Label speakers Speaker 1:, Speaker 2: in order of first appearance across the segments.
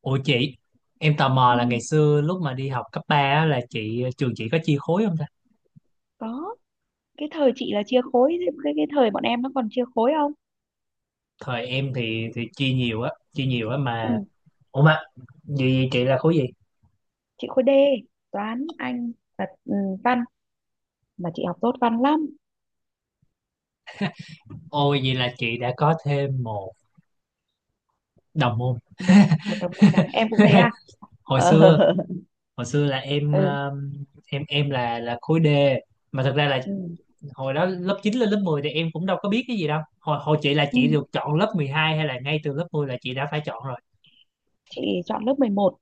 Speaker 1: Ủa chị, em tò mò
Speaker 2: Ừ,
Speaker 1: là ngày xưa lúc mà đi học cấp 3 á, là chị trường chị có chia khối không ta?
Speaker 2: có cái thời chị là chia khối. Cái thời bọn em nó còn chia khối không?
Speaker 1: Thời em thì chia nhiều á mà.
Speaker 2: Ừ.
Speaker 1: Ủa mà vậy chị là khối gì?
Speaker 2: Chị khối D, toán Anh và văn, mà chị học tốt văn lắm.
Speaker 1: Ôi vậy là chị đã có thêm một đồng môn.
Speaker 2: Một Một đồng môn à, em cũng thế à?
Speaker 1: Hồi
Speaker 2: Ờ.
Speaker 1: xưa, hồi xưa là em
Speaker 2: Ừ.
Speaker 1: em là khối D, mà thật ra là
Speaker 2: Ừ.
Speaker 1: hồi đó lớp 9 lên lớp 10 thì em cũng đâu có biết cái gì đâu. Hồi hồi chị là
Speaker 2: Ừ.
Speaker 1: chị được chọn lớp 12 hay là ngay từ lớp 10 là chị đã phải chọn rồi.
Speaker 2: Chị chọn lớp mười một.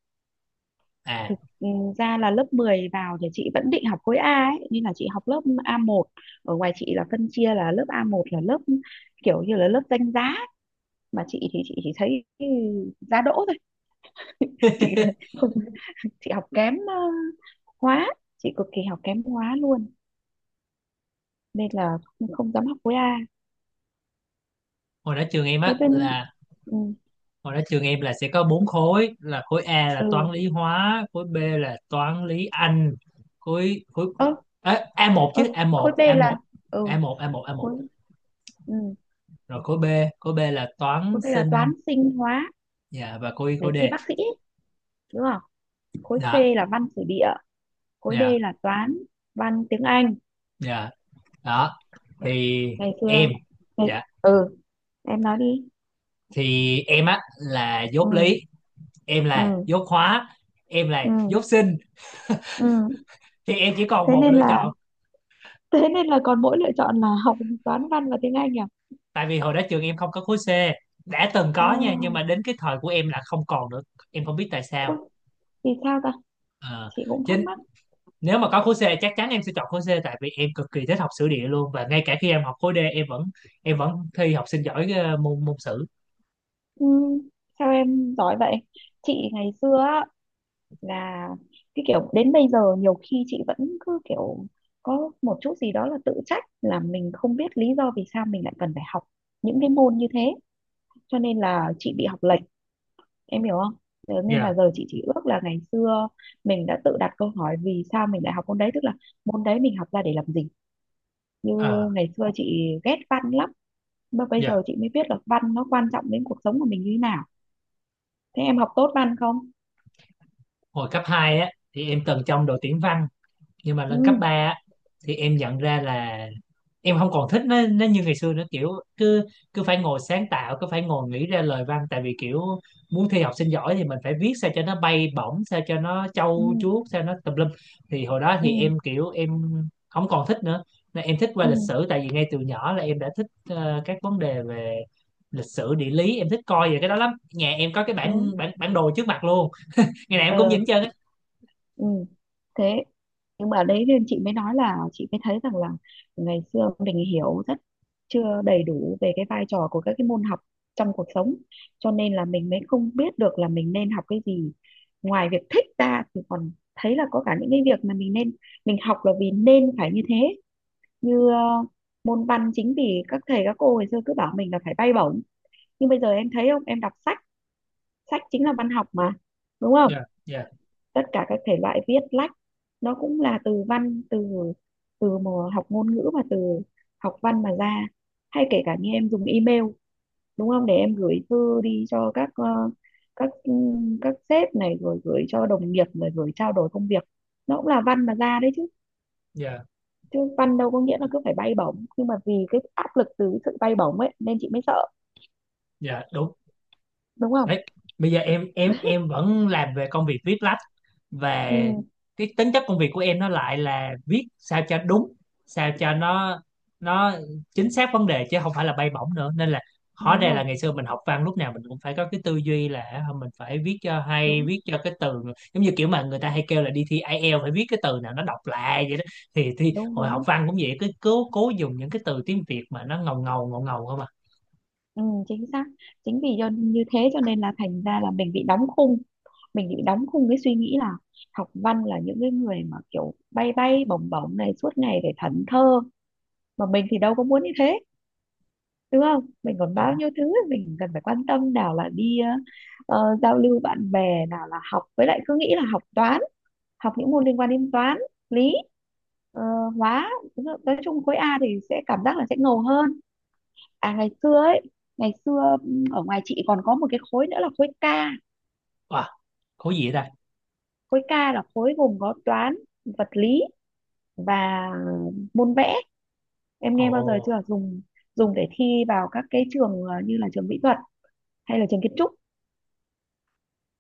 Speaker 1: À,
Speaker 2: Thực ra là lớp 10 vào thì chị vẫn định học khối A ấy, nên là chị học lớp A một. Ở ngoài chị là phân chia là lớp A một là lớp kiểu như là lớp danh giá, mà chị thì chị chỉ thấy giá đỗ thôi. Chị không, chị học kém hóa, chị cực kỳ học kém hóa luôn, nên là không, không dám học khối A.
Speaker 1: hồi đó trường em
Speaker 2: Thế
Speaker 1: á
Speaker 2: bên
Speaker 1: là,
Speaker 2: ừ
Speaker 1: hồi đó trường em là sẽ có bốn khối là khối A là
Speaker 2: ừ
Speaker 1: toán lý hóa, khối B là toán lý Anh, khối khối
Speaker 2: ơ
Speaker 1: Ê, a một
Speaker 2: ơ
Speaker 1: chứ a
Speaker 2: khối
Speaker 1: một
Speaker 2: B
Speaker 1: a
Speaker 2: là
Speaker 1: một
Speaker 2: ừ
Speaker 1: a một a một a một,
Speaker 2: khối ừ,
Speaker 1: rồi khối B, khối B là toán
Speaker 2: khối B là toán
Speaker 1: sinh.
Speaker 2: sinh hóa,
Speaker 1: Dạ, và khối
Speaker 2: để
Speaker 1: khối D.
Speaker 2: thi bác sĩ ấy, đúng không? Khối C
Speaker 1: Dạ.
Speaker 2: là văn sử địa, khối
Speaker 1: Dạ.
Speaker 2: D là toán văn tiếng Anh.
Speaker 1: Dạ. Đó thì
Speaker 2: ngày xưa
Speaker 1: em,
Speaker 2: ngày,
Speaker 1: dạ,
Speaker 2: ừ em nói đi.
Speaker 1: thì em á là dốt
Speaker 2: ừ
Speaker 1: lý, em là
Speaker 2: ừ
Speaker 1: dốt hóa, em là
Speaker 2: ừ
Speaker 1: dốt sinh,
Speaker 2: ừ
Speaker 1: thì em chỉ còn
Speaker 2: Thế
Speaker 1: một
Speaker 2: nên
Speaker 1: lựa
Speaker 2: là
Speaker 1: chọn.
Speaker 2: thế nên là còn mỗi lựa chọn là học toán văn và tiếng Anh à?
Speaker 1: Tại vì hồi đó trường em không có khối C, đã từng
Speaker 2: Ờ,
Speaker 1: có nha nhưng mà đến cái thời của em là không còn nữa, em không biết tại sao.
Speaker 2: ôi, vì sao ta?
Speaker 1: Ờ,
Speaker 2: Chị cũng thắc
Speaker 1: chính,
Speaker 2: mắc.
Speaker 1: nếu mà có khối C chắc chắn em sẽ chọn khối C tại vì em cực kỳ thích học sử địa luôn, và ngay cả khi em học khối D em vẫn, em vẫn thi học sinh giỏi môn môn sử.
Speaker 2: Ừ, sao em giỏi vậy? Chị ngày xưa á, là cái kiểu đến bây giờ nhiều khi chị vẫn cứ kiểu có một chút gì đó là tự trách, là mình không biết lý do vì sao mình lại cần phải học những cái môn như thế. Cho nên là chị bị học lệch, em hiểu không? Thế nên là
Speaker 1: Dạ.
Speaker 2: giờ chị chỉ ước là ngày xưa mình đã tự đặt câu hỏi vì sao mình lại học môn đấy, tức là môn đấy mình học ra để làm gì. Như
Speaker 1: Ờ.
Speaker 2: ngày xưa chị ghét văn lắm, mà bây
Speaker 1: Dạ.
Speaker 2: giờ chị mới biết là văn nó quan trọng đến cuộc sống của mình như thế nào. Thế em học tốt văn không?
Speaker 1: Hồi cấp 2 á thì em từng trong đội tuyển văn, nhưng mà
Speaker 2: Ừ
Speaker 1: lên cấp 3 á, thì em nhận ra là em không còn thích nó như ngày xưa nữa, kiểu cứ cứ phải ngồi sáng tạo, cứ phải ngồi nghĩ ra lời văn, tại vì kiểu muốn thi học sinh giỏi thì mình phải viết sao cho nó bay bổng, sao cho nó
Speaker 2: ừ
Speaker 1: trâu chuốt, sao nó tùm lum, thì hồi đó
Speaker 2: ừ
Speaker 1: thì em kiểu em không còn thích nữa. Nên em thích qua
Speaker 2: ừ
Speaker 1: lịch sử, tại vì ngay từ nhỏ là em đã thích các vấn đề về lịch sử địa lý, em thích coi về cái đó lắm, nhà em có cái bản
Speaker 2: đúng
Speaker 1: bản bản đồ trước mặt luôn, ngày nào em cũng nhìn
Speaker 2: ờ
Speaker 1: hết trơn á.
Speaker 2: ừ Thế nhưng mà đấy, nên chị mới nói là chị mới thấy rằng là ngày xưa mình hiểu rất chưa đầy đủ về cái vai trò của các cái môn học trong cuộc sống, cho nên là mình mới không biết được là mình nên học cái gì. Ngoài việc thích ra thì còn thấy là có cả những cái việc mà mình nên, mình học là vì nên phải như thế. Như môn văn, chính vì các thầy các cô ngày xưa cứ bảo mình là phải bay bổng, nhưng bây giờ em thấy không, em đọc sách, sách chính là văn học mà, đúng không?
Speaker 1: Dạ. Dạ.
Speaker 2: Tất cả các thể loại viết lách nó cũng là từ văn, từ từ mà học ngôn ngữ và từ học văn mà ra. Hay kể cả như em dùng email, đúng không, để em gửi thư đi cho các các các sếp này, rồi gửi cho đồng nghiệp, rồi gửi trao đổi công việc, nó cũng là văn mà ra đấy chứ.
Speaker 1: Dạ.
Speaker 2: Chứ văn đâu có nghĩa là cứ phải bay bổng, nhưng mà vì cái áp lực từ cái sự bay bổng ấy nên chị mới sợ,
Speaker 1: Dạ đúng.
Speaker 2: đúng không?
Speaker 1: Đấy, bây giờ em vẫn làm về công việc viết lách, và
Speaker 2: ừ
Speaker 1: cái tính chất công việc của em nó lại là viết sao cho đúng, sao cho nó chính xác vấn đề chứ không phải là bay bổng nữa, nên là hóa
Speaker 2: Đúng
Speaker 1: ra
Speaker 2: rồi.
Speaker 1: là ngày xưa mình học văn lúc nào mình cũng phải có cái tư duy là mình phải viết cho hay,
Speaker 2: Đúng,
Speaker 1: viết cho cái từ giống như kiểu mà người ta hay kêu là đi thi IELTS phải viết cái từ nào nó đọc lạ vậy đó, thì
Speaker 2: đúng,
Speaker 1: hồi học
Speaker 2: đúng.
Speaker 1: văn cũng vậy, cứ cố cố dùng những cái từ tiếng Việt mà nó ngầu ngầu ngầu ngầu không à.
Speaker 2: Ừ, chính xác. Chính vì do như thế cho nên là thành ra là mình bị đóng khung, mình bị đóng khung cái suy nghĩ là học văn là những cái người mà kiểu bay bay bổng bổng này, suốt ngày phải thẫn thơ, mà mình thì đâu có muốn như thế, đúng không? Mình còn bao
Speaker 1: Đúng.
Speaker 2: nhiêu thứ mình cần phải quan tâm, nào là đi giao lưu bạn bè, nào là học. Với lại cứ nghĩ là học toán, học những môn liên quan đến toán, lý, ờ, hóa. Nói chung khối A thì sẽ cảm giác là sẽ ngầu hơn. À ngày xưa ấy, ngày xưa ở ngoài chị còn có một cái khối nữa là khối K.
Speaker 1: À, khối gì vậy ta?
Speaker 2: Khối K là khối gồm có toán, vật lý và môn vẽ. Em
Speaker 1: Ồ,
Speaker 2: nghe bao giờ chưa? Dùng, dùng để thi vào các cái trường như là trường mỹ thuật hay là trường kiến trúc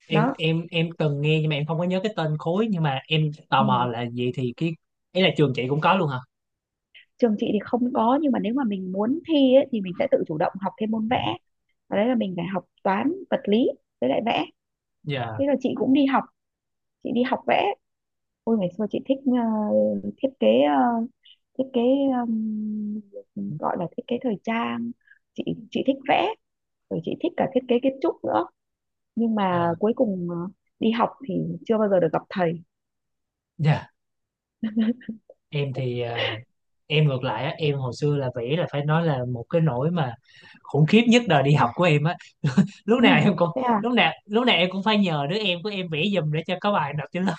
Speaker 1: em
Speaker 2: đó.
Speaker 1: em em từng nghe nhưng mà em không có nhớ cái tên khối, nhưng mà em tò
Speaker 2: Ừ.
Speaker 1: mò là vậy thì cái ấy là trường chị cũng có luôn hả?
Speaker 2: Trường chị thì không có, nhưng mà nếu mà mình muốn thi ấy, thì mình sẽ tự chủ động học thêm môn vẽ. Và đấy là mình phải học toán, vật lý với lại vẽ.
Speaker 1: Dạ.
Speaker 2: Thế rồi chị cũng đi học, chị đi học vẽ. Ôi ngày xưa chị thích thiết kế, thiết kế gọi là thiết kế thời trang. chị chị thích vẽ, rồi chị thích cả thiết kế kiến trúc nữa. Nhưng mà
Speaker 1: À,
Speaker 2: cuối cùng đi học thì chưa bao giờ được gặp thầy.
Speaker 1: dạ, em thì à, em ngược lại á, em hồi xưa là vẽ là phải nói là một cái nỗi mà khủng khiếp nhất đời đi học của em á, lúc
Speaker 2: Ừ.
Speaker 1: nào em cũng,
Speaker 2: Thế à?
Speaker 1: lúc nào em cũng phải nhờ đứa em của em vẽ giùm để cho có bài nộp trên lớp.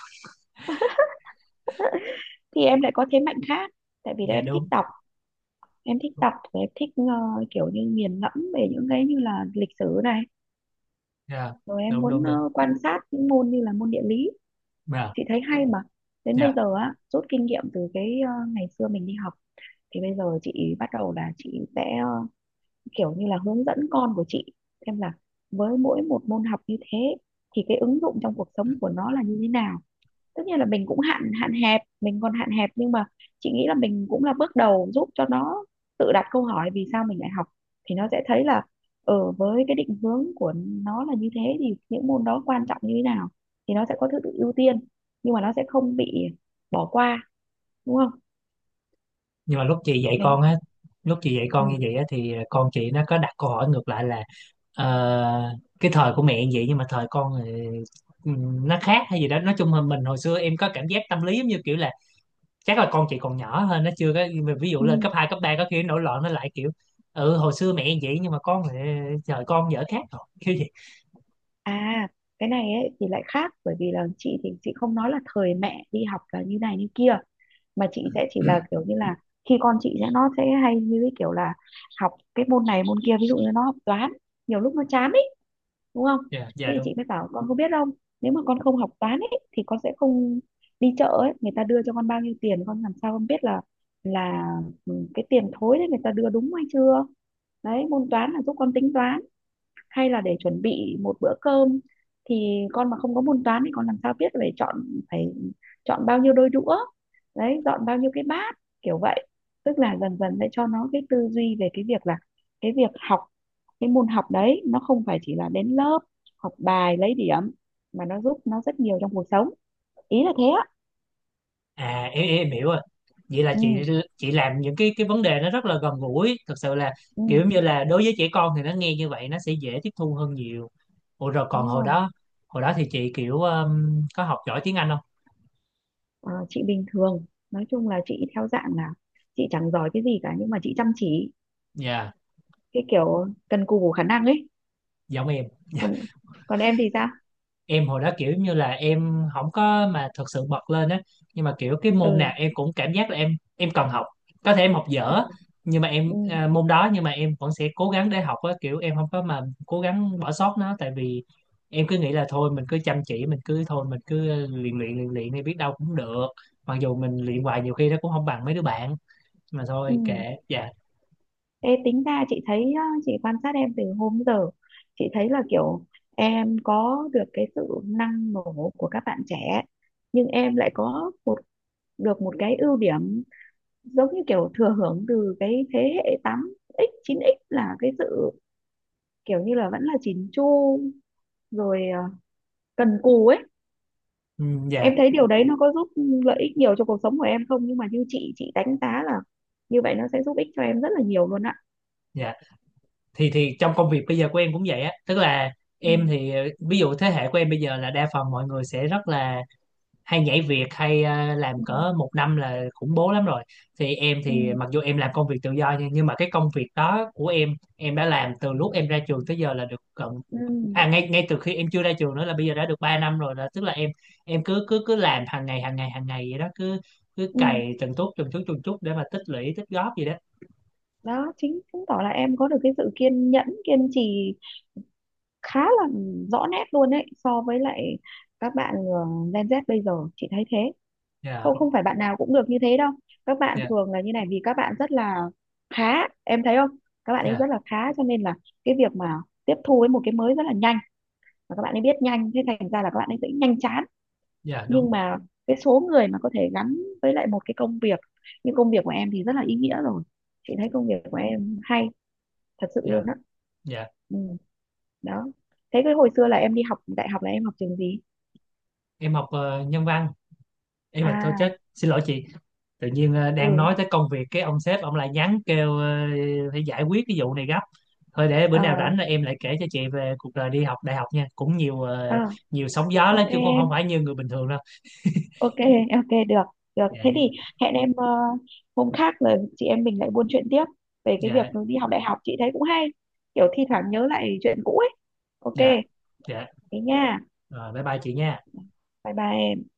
Speaker 2: Thì em lại có thế mạnh khác, tại vì là
Speaker 1: Dạ
Speaker 2: em thích
Speaker 1: đúng.
Speaker 2: đọc. Em thích đọc và em thích kiểu như nghiền ngẫm về những cái như là lịch sử này,
Speaker 1: Dạ.
Speaker 2: rồi em
Speaker 1: Đúng
Speaker 2: muốn
Speaker 1: đúng đúng.
Speaker 2: quan sát những môn như là môn địa lý.
Speaker 1: Dạ.
Speaker 2: Chị thấy hay mà. Đến bây
Speaker 1: Dạ.
Speaker 2: giờ á, rút kinh nghiệm từ cái ngày xưa mình đi học, thì bây giờ chị bắt đầu là chị sẽ kiểu như là hướng dẫn con của chị, xem là với mỗi một môn học như thế thì cái ứng dụng trong cuộc sống của nó là như thế nào. Tất nhiên là mình cũng hạn hạn hẹp, mình còn hạn hẹp, nhưng mà chị nghĩ là mình cũng là bước đầu giúp cho nó tự đặt câu hỏi vì sao mình lại học. Thì nó sẽ thấy là ở với cái định hướng của nó là như thế thì những môn đó quan trọng như thế nào, thì nó sẽ có thứ tự ưu tiên, nhưng mà nó sẽ không bị bỏ qua, đúng không?
Speaker 1: Nhưng mà lúc chị dạy
Speaker 2: Đấy.
Speaker 1: con á, lúc chị dạy
Speaker 2: Ừ.
Speaker 1: con như vậy á thì con chị nó có đặt câu hỏi ngược lại là ờ, cái thời của mẹ như vậy nhưng mà thời con thì nó khác hay gì đó, nói chung là mình hồi xưa em có cảm giác tâm lý giống như kiểu là chắc là con chị còn nhỏ hơn, nó chưa có, ví dụ
Speaker 2: Ừ.
Speaker 1: lên cấp 2 cấp 3 có khi nó nổi loạn, nó lại kiểu ừ hồi xưa mẹ như vậy nhưng mà con thì thời con dở khác rồi kiểu gì.
Speaker 2: À cái này ấy, thì lại khác, bởi vì là chị thì chị không nói là thời mẹ đi học là như này như kia, mà chị sẽ chỉ là kiểu như là khi con chị sẽ nó sẽ hay như cái kiểu là học cái môn này môn kia, ví dụ như nó học toán, nhiều lúc nó chán ấy, đúng không?
Speaker 1: Dạ. Dạ
Speaker 2: Thế thì
Speaker 1: đúng.
Speaker 2: chị mới bảo con có biết không, nếu mà con không học toán ấy thì con sẽ không, đi chợ ấy người ta đưa cho con bao nhiêu tiền con làm sao con biết là cái tiền thối đấy người ta đưa đúng hay chưa. Đấy, môn toán là giúp con tính toán. Hay là để chuẩn bị một bữa cơm thì con mà không có môn toán thì con làm sao biết phải phải chọn bao nhiêu đôi đũa, đấy, dọn bao nhiêu cái bát, kiểu vậy. Tức là dần dần để cho nó cái tư duy về cái việc là cái việc học cái môn học đấy nó không phải chỉ là đến lớp học bài lấy điểm, mà nó giúp nó rất nhiều trong cuộc sống, ý là thế á.
Speaker 1: À em, em hiểu rồi. Vậy là chị
Speaker 2: ừ,
Speaker 1: chị làm những cái vấn đề nó rất là gần gũi, thật sự là
Speaker 2: ừ
Speaker 1: kiểu như là đối với trẻ con thì nó nghe như vậy nó sẽ dễ tiếp thu hơn nhiều. Ủa rồi
Speaker 2: Đúng
Speaker 1: còn
Speaker 2: rồi.
Speaker 1: hồi đó thì chị kiểu có học giỏi tiếng Anh không?
Speaker 2: Ờ, chị bình thường. Nói chung là chị theo dạng là chị chẳng giỏi cái gì cả, nhưng mà chị chăm chỉ,
Speaker 1: Dạ,
Speaker 2: cái kiểu cần cù khả năng ấy.
Speaker 1: giống em.
Speaker 2: Còn Còn em thì sao?
Speaker 1: Em hồi đó kiểu như là em không có mà thật sự bật lên á, nhưng mà kiểu cái môn nào
Speaker 2: ừ
Speaker 1: em cũng cảm giác là em cần học, có thể em học
Speaker 2: ừ
Speaker 1: dở, nhưng mà em
Speaker 2: ừ
Speaker 1: à, môn đó, nhưng mà em vẫn sẽ cố gắng để học á, kiểu em không có mà cố gắng bỏ sót nó, tại vì em cứ nghĩ là thôi mình cứ chăm chỉ, mình cứ thôi mình cứ luyện luyện luyện luyện đi, biết đâu cũng được, mặc dù mình luyện hoài nhiều khi nó cũng không bằng mấy đứa bạn, mà
Speaker 2: ừ
Speaker 1: thôi kệ. Dạ.
Speaker 2: Ê, tính ra chị thấy á, chị quan sát em từ hôm giờ, chị thấy là kiểu em có được cái sự năng nổ của các bạn trẻ, nhưng em lại có được một cái ưu điểm giống như kiểu thừa hưởng từ cái thế hệ tám x chín x, là cái sự kiểu như là vẫn là chỉn chu, rồi cần cù ấy.
Speaker 1: Ừ. Dạ.
Speaker 2: Em thấy điều đấy nó có giúp lợi ích nhiều cho cuộc sống của em không? Nhưng mà như chị đánh giá là như vậy nó sẽ giúp ích cho em rất là nhiều luôn ạ.
Speaker 1: Dạ. Thì trong công việc bây giờ của em cũng vậy á, tức là
Speaker 2: ừ,
Speaker 1: em thì ví dụ thế hệ của em bây giờ là đa phần mọi người sẽ rất là hay nhảy việc, hay làm
Speaker 2: ừ,
Speaker 1: cỡ một năm là khủng bố lắm rồi, thì em
Speaker 2: ừ,
Speaker 1: thì mặc dù em làm công việc tự do, nhưng mà cái công việc đó của em đã làm từ lúc em ra trường tới giờ là được gần,
Speaker 2: ừ,
Speaker 1: à ngay, ngay từ khi em chưa ra trường nữa, là bây giờ đã được 3 năm rồi, là tức là em cứ cứ cứ làm hàng ngày vậy đó, cứ cứ
Speaker 2: ừ.
Speaker 1: cày từng chút để mà tích lũy tích góp gì đó.
Speaker 2: Đó chính chứng tỏ là em có được cái sự kiên nhẫn kiên trì khá là rõ nét luôn đấy, so với lại các bạn Gen Z bây giờ chị thấy thế.
Speaker 1: Dạ.
Speaker 2: Không, không phải bạn nào cũng được như thế đâu. Các bạn
Speaker 1: Dạ.
Speaker 2: thường là như này, vì các bạn rất là khá, em thấy không? Các bạn ấy
Speaker 1: Dạ.
Speaker 2: rất là khá, cho nên là cái việc mà tiếp thu với một cái mới rất là nhanh. Và các bạn ấy biết nhanh thế thành ra là các bạn ấy sẽ nhanh chán.
Speaker 1: Dạ đúng.
Speaker 2: Nhưng mà cái số người mà có thể gắn với lại một cái công việc như công việc của em thì rất là ý nghĩa rồi. Chị thấy công việc của em hay thật sự
Speaker 1: Dạ.
Speaker 2: luôn á.
Speaker 1: Dạ.
Speaker 2: Ừ, đó. Thế cái hồi xưa là em đi học đại học là em học trường gì?
Speaker 1: Em học nhân văn. Em là thôi
Speaker 2: à
Speaker 1: chết, xin lỗi chị, tự nhiên đang
Speaker 2: ừ
Speaker 1: nói tới công việc cái ông sếp ông lại nhắn kêu phải giải quyết cái vụ này gấp. Thôi để bữa nào
Speaker 2: ờ
Speaker 1: rảnh là em lại kể cho chị về cuộc đời đi học đại học nha, cũng nhiều
Speaker 2: ờ,
Speaker 1: nhiều sóng gió
Speaker 2: ok
Speaker 1: lắm chứ không,
Speaker 2: em.
Speaker 1: không phải như người bình thường đâu.
Speaker 2: Ok ok, được, được.
Speaker 1: Dạ.
Speaker 2: Thế thì hẹn em hôm khác rồi chị em mình lại buôn chuyện tiếp về cái việc
Speaker 1: Dạ.
Speaker 2: đi học đại học, chị thấy cũng hay, kiểu thi thoảng nhớ lại chuyện cũ ấy.
Speaker 1: Dạ.
Speaker 2: Ok,
Speaker 1: Dạ.
Speaker 2: thế nha.
Speaker 1: Rồi, bye bye chị nha.
Speaker 2: Bye bye em.